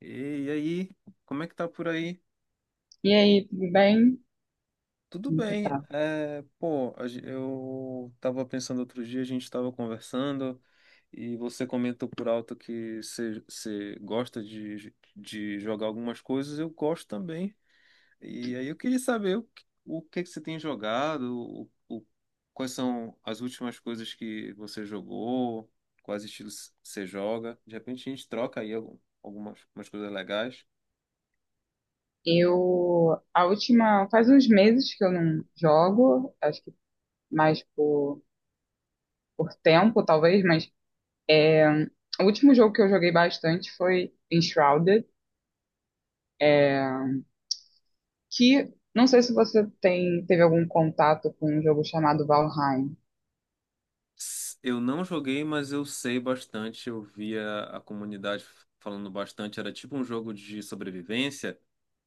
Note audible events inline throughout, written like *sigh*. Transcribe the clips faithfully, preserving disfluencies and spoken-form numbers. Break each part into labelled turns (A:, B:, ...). A: E, e aí, como é que tá por aí?
B: E aí, tudo bem?
A: Tudo
B: Como você
A: bem.
B: tá?
A: É, pô, a gen- eu tava pensando outro dia, a gente tava conversando e você comentou por alto que você você gosta de, de jogar algumas coisas, eu gosto também. E aí eu queria saber o, que- o que que você tem jogado, o, o- quais são as últimas coisas que você jogou, quais estilos você joga. De repente a gente troca aí algum- algumas umas coisas legais.
B: Eu, a última, faz uns meses que eu não jogo, acho que mais por, por tempo, talvez, mas é, o último jogo que eu joguei bastante foi Enshrouded, que não sei se você tem, teve algum contato com um jogo chamado Valheim.
A: S- Eu não joguei, mas eu sei bastante. Eu via a comunidade falando bastante. Era tipo um jogo de sobrevivência.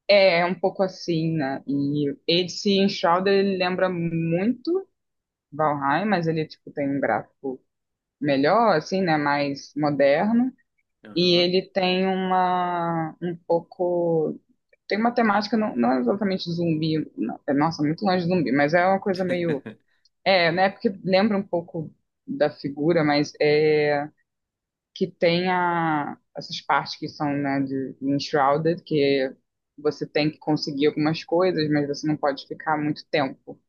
B: É, é um pouco assim, né? E esse Enshrouded, ele lembra muito Valheim, mas ele, tipo, tem um gráfico melhor, assim, né? Mais moderno. E
A: Aham.
B: ele tem uma um pouco tem uma temática não, não é exatamente zumbi, não, é, nossa, muito longe de zumbi, mas é uma coisa meio
A: *laughs*
B: é, né? Porque lembra um pouco da figura, mas é que tem a, essas partes que são, né, de de enshrouded, que você tem que conseguir algumas coisas, mas você não pode ficar muito tempo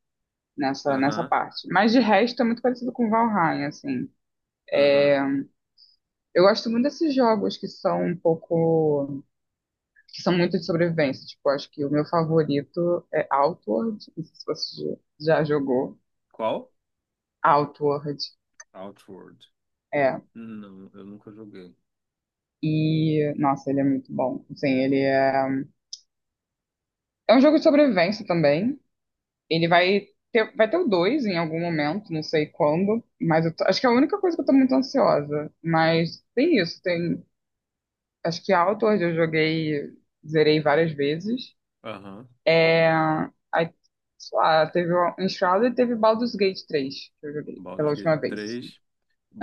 B: nessa nessa
A: aham,
B: parte. Mas de resto é muito parecido com Valheim, assim.
A: aham.
B: Eu gosto muito desses jogos que são um pouco que são muito de sobrevivência. Tipo, acho que o meu favorito é Outward. Não sei se você já já jogou.
A: Qual?
B: Outward,
A: Outward.
B: é.
A: Não, eu nunca joguei.
B: E, nossa, ele é muito bom. Assim, ele é... É um jogo de sobrevivência também. Ele vai ter, vai ter o dois em algum momento, não sei quando. Mas eu tô- acho que é a única coisa que eu tô muito ansiosa. Mas tem isso, tem... Acho que Outward eu joguei, zerei várias vezes.
A: Aham.
B: É, aí, sei lá, teve o Enshrouded e teve Baldur's Gate três, que eu joguei pela
A: Baldur's Gate
B: última vez, assim.
A: três.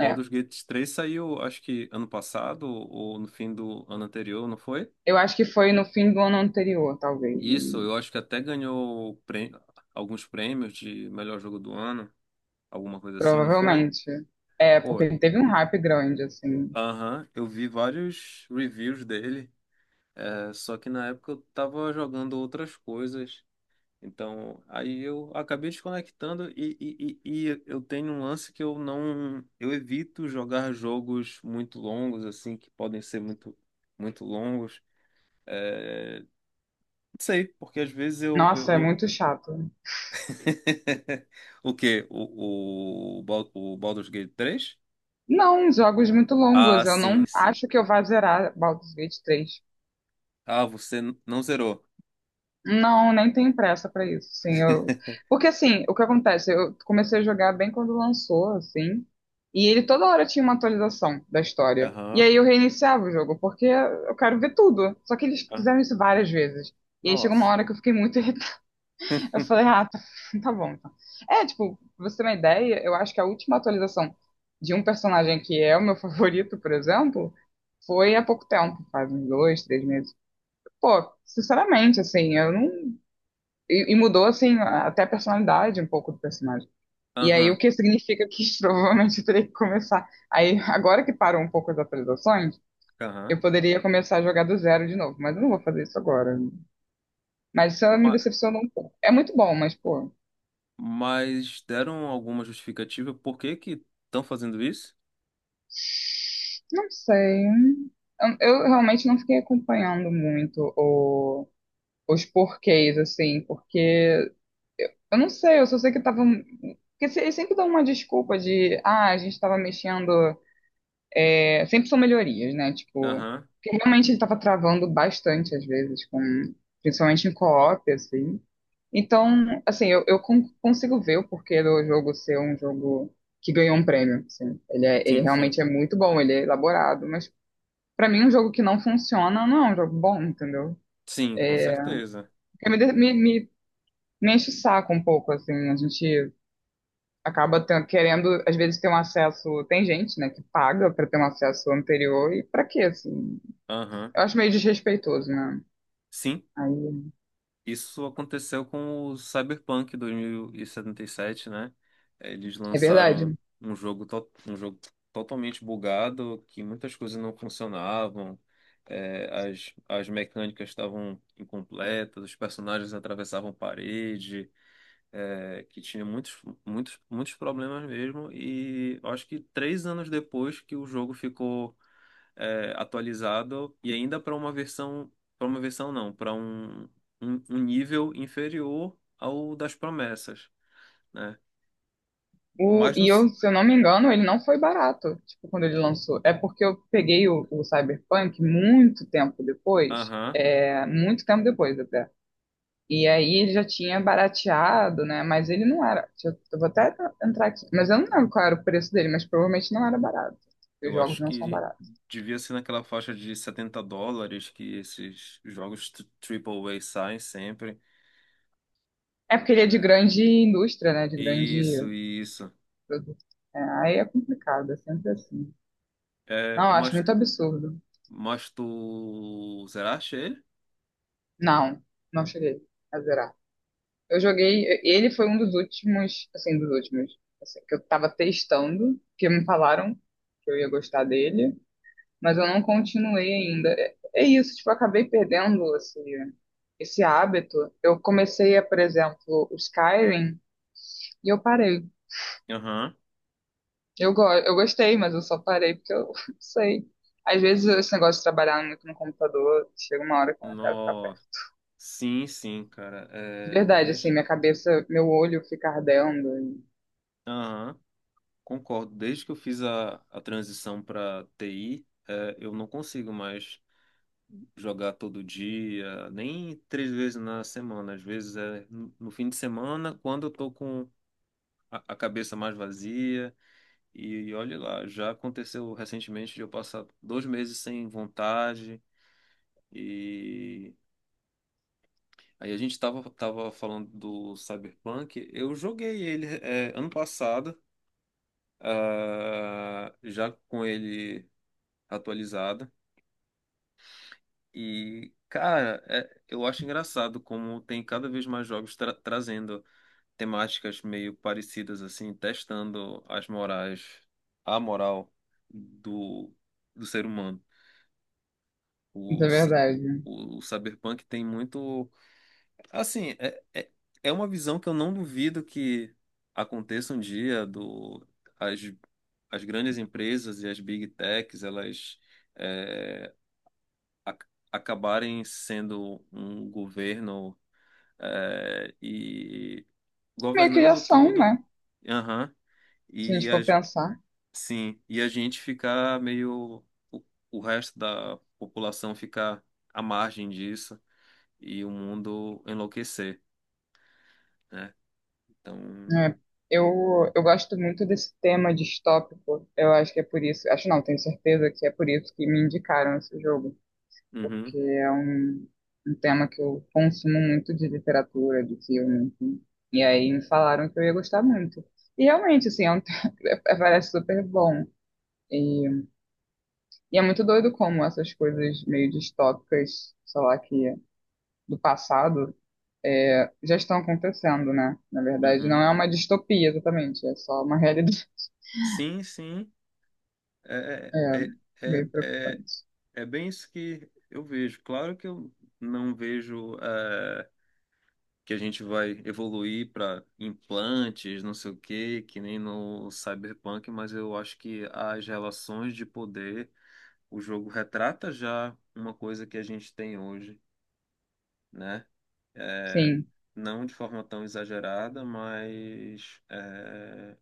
B: É,
A: Gate três saiu, acho que ano passado ou no fim do ano anterior, não foi?
B: eu acho que foi no fim do ano anterior, talvez,
A: Isso,
B: hein?
A: eu acho que até ganhou prê- alguns prêmios de melhor jogo do ano, alguma coisa assim, não foi?
B: Provavelmente. É,
A: Pô.
B: porque teve um hype grande, assim.
A: Aham, eu vi vários reviews dele, é, só que na época eu tava jogando outras coisas, então aí eu acabei desconectando e, e, e, e eu tenho um lance que eu não, eu evito jogar jogos muito longos, assim, que podem ser muito, muito longos, é, não sei, porque às vezes eu, eu,
B: Nossa, é
A: eu-
B: muito chato.
A: *laughs* O quê? O, o, Bal- o Baldur's Gate três?
B: Não, jogos muito
A: Ah,
B: longos. Eu
A: sim,
B: não
A: sim.
B: acho que eu vá zerar Baldur's Gate três.
A: Ah, você n- não zerou.
B: Não, nem tenho pressa pra isso, sim. Eu...
A: *laughs*
B: Porque assim, o que acontece? Eu comecei a jogar bem quando lançou, assim, e ele toda hora tinha uma atualização da história. E
A: Aham.
B: aí eu reiniciava o jogo, porque eu quero ver tudo. Só que eles fizeram isso várias vezes. E aí chegou uma
A: Nossa.
B: hora que eu fiquei muito *laughs* irritada. Eu falei, ah, tá, *laughs* tá bom, então. É, tipo, pra você ter uma ideia, eu acho que a última atualização de um personagem que é o meu *laughs* favorito, por exemplo, foi há pouco tempo, faz uns dois, três meses. Pô, sinceramente, assim, eu não. E, e mudou, assim, a- até a personalidade um pouco do personagem. E aí,
A: Aham,
B: o que significa que *laughs* provavelmente eu teria que começar. Aí, agora que parou um pouco as atualizações,
A: aham.
B: eu poderia começar a jogar do zero de novo, mas eu não vou fazer isso agora. Mas isso me
A: Ma-
B: decepcionou um pouco. É muito bom, mas, pô,
A: Mas deram alguma justificativa por que que estão fazendo isso?
B: não sei. Eu, eu realmente não fiquei acompanhando muito o- os porquês, assim, porque eu não sei, eu só sei que tava, um. Porque se- eles sempre dão uma desculpa de, ah, a gente tava mexendo. É, sempre são melhorias, né? Tipo,
A: Aham.
B: porque realmente ele tava travando bastante às vezes, com, principalmente em co-op, assim. Então, assim, eu, eu con- consigo ver o porquê do jogo ser um jogo que ganhou um prêmio, assim. Ele, é- ele
A: Sim, sim.
B: realmente é muito bom, ele é elaborado, mas pra mim um jogo que não funciona não é um jogo bom, entendeu?
A: Sim, com certeza.
B: Porque me, de- me, me, me enche o saco um pouco, assim, a gente acaba ten- querendo, às vezes, ter um acesso, tem gente, né, que paga pra ter um acesso anterior, e pra quê, assim?
A: Aham.
B: Eu acho meio desrespeitoso, né?
A: Sim,
B: Aí,
A: isso aconteceu com o Cyberpunk dois mil e e setenta e sete, né? Eles
B: é
A: lançaram
B: verdade.
A: um jogo, to- um jogo totalmente bugado, que muitas coisas não funcionavam, é, as, as mecânicas estavam incompletas, os personagens atravessavam parede, é, que tinha muitos, muitos, muitos problemas mesmo. E eu acho que três anos depois que o jogo ficou é, atualizado e ainda para uma versão, para uma versão não, para um, um, um nível inferior ao das promessas, né?
B: O,
A: Mas no,
B: e eu, se eu não me engano, ele não foi barato, tipo, quando ele lançou. É porque eu peguei o, o Cyberpunk muito tempo depois,
A: aham,
B: é, muito tempo depois até. E aí ele já tinha barateado, né? Mas ele não era. Deixa, Eu, eu vou até entrar aqui. Mas eu não lembro qual era o preço dele, mas provavelmente não era barato. Porque os
A: eu
B: jogos
A: acho
B: não são
A: que
B: baratos.
A: devia ser naquela faixa de setenta dólares que esses jogos tri- Triple A saem sempre.
B: É porque ele é de
A: É,
B: grande indústria, né? De grande
A: isso, isso.
B: produto. É, aí é complicado, é sempre assim.
A: É,
B: Não, eu acho
A: mas.
B: muito absurdo.
A: Mas tu. Será? Achei ele?
B: Não, não cheguei a zerar. Eu joguei. Ele foi um dos últimos, assim, dos últimos, assim, que eu tava testando, que me falaram que eu ia gostar dele, mas eu não continuei ainda. É, é isso, tipo, eu acabei perdendo esse, esse hábito. Eu comecei a, por exemplo, o Skyrim e eu parei.
A: Aham.
B: Eu, go eu gostei, mas eu só parei porque eu *laughs* não sei. Às vezes esse negócio de trabalhar muito no computador, chega uma hora que eu não quero ficar
A: Nossa.
B: perto.
A: Sim, sim, cara.
B: De
A: É,
B: verdade, assim,
A: desde.
B: minha cabeça, meu olho fica ardendo.
A: Aham. Concordo. Desde que eu fiz a, a transição para T I, é, eu não consigo mais jogar todo dia, nem três vezes na semana. Às vezes é no no fim de semana, quando eu tô com a, a cabeça mais vazia. E, olha lá, já aconteceu recentemente de eu passar dois meses sem vontade. E aí a gente tava, tava falando do Cyberpunk. Eu joguei ele é, ano passado, ah, já com ele atualizado. E, cara, é- eu acho engraçado como tem cada vez mais jogos tra- trazendo temáticas meio parecidas, assim, testando as morais, a moral do, do ser humano.
B: Isso
A: O,
B: é
A: c-
B: verdade.
A: o Cyberpunk tem muito. Assim, é, é, é uma visão que eu não duvido que aconteça um dia do as, as grandes empresas e as big techs, elas é, a- acabarem sendo um governo é, e
B: Meio que já
A: governando
B: são,
A: tudo,
B: né?
A: aham,
B: Se a gente
A: e a,
B: for
A: ge-
B: pensar.
A: sim, e a gente ficar meio o, o resto da população ficar à margem disso e o mundo enlouquecer, né? Então,
B: É, eu, eu gosto muito desse tema distópico. Eu acho que é por isso. Acho não, tenho certeza que é por isso que me indicaram esse jogo. Porque
A: uhum.
B: é um, um tema que eu consumo muito de literatura, de filme, enfim. E aí me falaram que eu ia gostar muito. E realmente, assim, é um, *laughs* parece super bom. E, e é muito doido como essas coisas meio distópicas, sei lá, que do passado é, já estão acontecendo, né? Na verdade, não
A: Uhum.
B: é uma distopia exatamente, é só uma realidade
A: Sim, sim.
B: *laughs*
A: É, é,
B: é,
A: é,
B: meio
A: é, é
B: preocupante.
A: é bem isso que eu vejo. Claro que eu não vejo eh, que a gente vai evoluir para implantes, não sei o quê, que nem no Cyberpunk, mas eu acho que as relações de poder, o jogo retrata já uma coisa que a gente tem hoje, né? Eh,
B: Sim,
A: não de forma tão exagerada, mas. eh,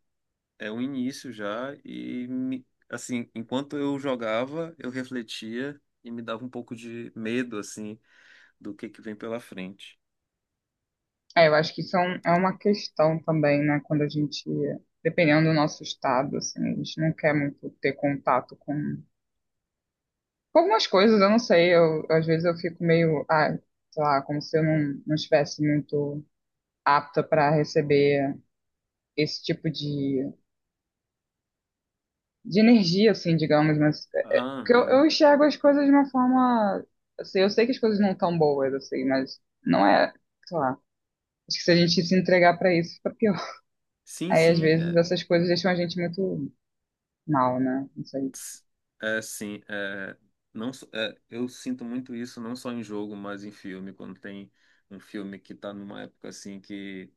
A: é o início já e me- assim, enquanto eu jogava, eu refletia e me dava um pouco de medo, assim, do que que vem pela frente.
B: é, eu acho que isso é, um- é uma questão também, né? Quando a gente, dependendo do nosso estado, assim, a gente não quer muito ter contato com, com algumas coisas, eu não sei, eu, às vezes eu fico meio, ah, sei lá, como se eu não, não estivesse muito apta para receber esse tipo de de energia, assim, digamos, mas é, que eu,
A: Aham.
B: eu enxergo as coisas de uma forma, assim, eu sei que as coisas não estão boas, assim, mas não é, sei lá, acho que se a gente se entregar pra isso, fica pior.
A: Sim,
B: Aí, às
A: sim.
B: vezes, essas coisas deixam a gente muito mal, né? Não sei.
A: S- É, sim, é, não, só- é, eu sinto muito isso não só em jogo, mas em filme, quando tem um filme que está numa época assim que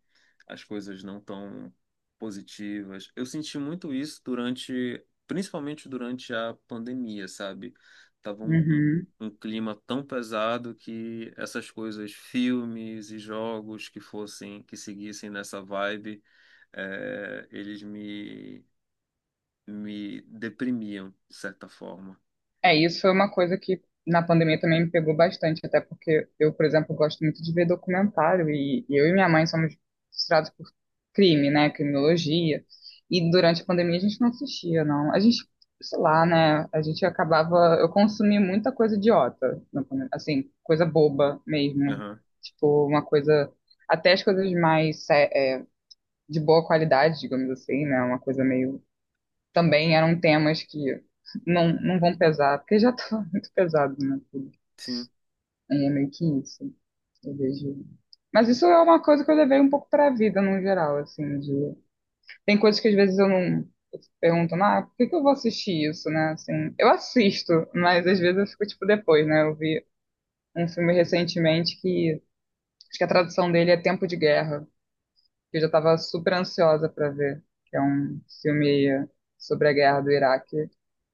A: as coisas não estão positivas. Eu senti muito isso durante, principalmente durante a pandemia, sabe? Tava um, um,
B: Uhum.
A: um clima tão pesado que essas coisas, filmes e jogos que fossem, que seguissem nessa vibe, é, eles me me deprimiam, de certa forma.
B: É, isso foi uma coisa que na pandemia também me pegou bastante, até porque eu, por exemplo, gosto muito de ver documentário e, e eu e minha mãe somos frustrados por crime, né, criminologia. E durante a pandemia a gente não assistia, não. A gente, sei lá, né, a gente acabava, eu consumi muita coisa idiota, na pandemia, assim, coisa boba mesmo.
A: Aham,
B: Tipo, uma coisa, até as coisas mais sé- é, de boa qualidade, digamos assim, né, uma coisa meio também eram temas que não, não vão pesar, porque já tá *laughs* muito pesado, né? Tudo.
A: Sim,
B: É meio que isso. Eu vejo. Mas isso é uma coisa que eu levei um pouco para a vida no geral, assim, de... Tem coisas que às vezes eu não eu fico perguntando, ah, por que que eu vou assistir isso, né? Assim, eu assisto, mas às vezes eu fico tipo depois, né? Eu vi um filme recentemente que acho que a tradução dele é Tempo de Guerra, que eu já tava super ansiosa para ver, que é um filme sobre a guerra do Iraque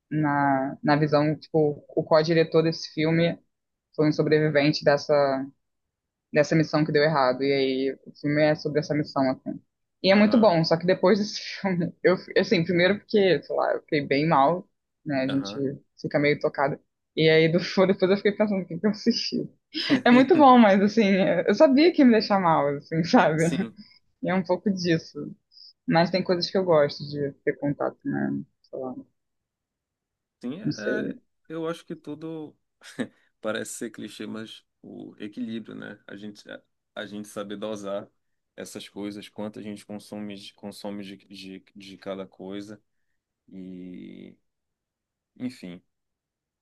B: na, na visão, tipo, o co-diretor desse filme foi um sobrevivente dessa, dessa missão que deu errado. E aí o filme é sobre essa missão, assim. E é muito
A: aham,
B: bom, só que depois desse *laughs* filme, eu, assim, primeiro porque, sei lá, eu fiquei bem mal, né? A gente
A: aham.
B: fica meio tocada. E aí do- *laughs* depois eu fiquei pensando o que que eu assisti. É muito
A: *laughs*
B: bom, mas assim, eu sabia que ia me deixar mal, assim, *laughs* sabe?
A: Sim,
B: E é um pouco disso. Mas tem coisas que eu gosto de ter contato, né? Sei lá,
A: sim,
B: não
A: é,
B: sei.
A: é, eu acho que tudo *laughs* parece ser clichê, mas o equilíbrio, né? A gente, a gente saber dosar essas coisas, quanto a gente consome, de- consome de, de, de cada coisa e, enfim.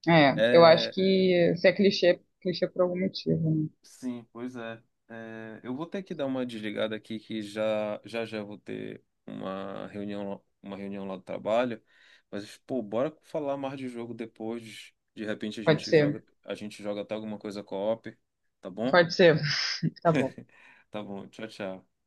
B: É, eu acho
A: É,
B: que se é clichê, clichê por algum motivo, né?
A: Sim, pois é. É, eu vou ter que dar uma desligada aqui que já já, já vou ter uma reunião, uma reunião lá do trabalho. Mas, pô, bora falar mais de jogo depois. De repente a
B: Pode
A: gente
B: ser,
A: joga, a gente joga até alguma coisa co-op, tá bom?
B: pode ser. *laughs* Tá bom.
A: Tá bom, tchau, tchau.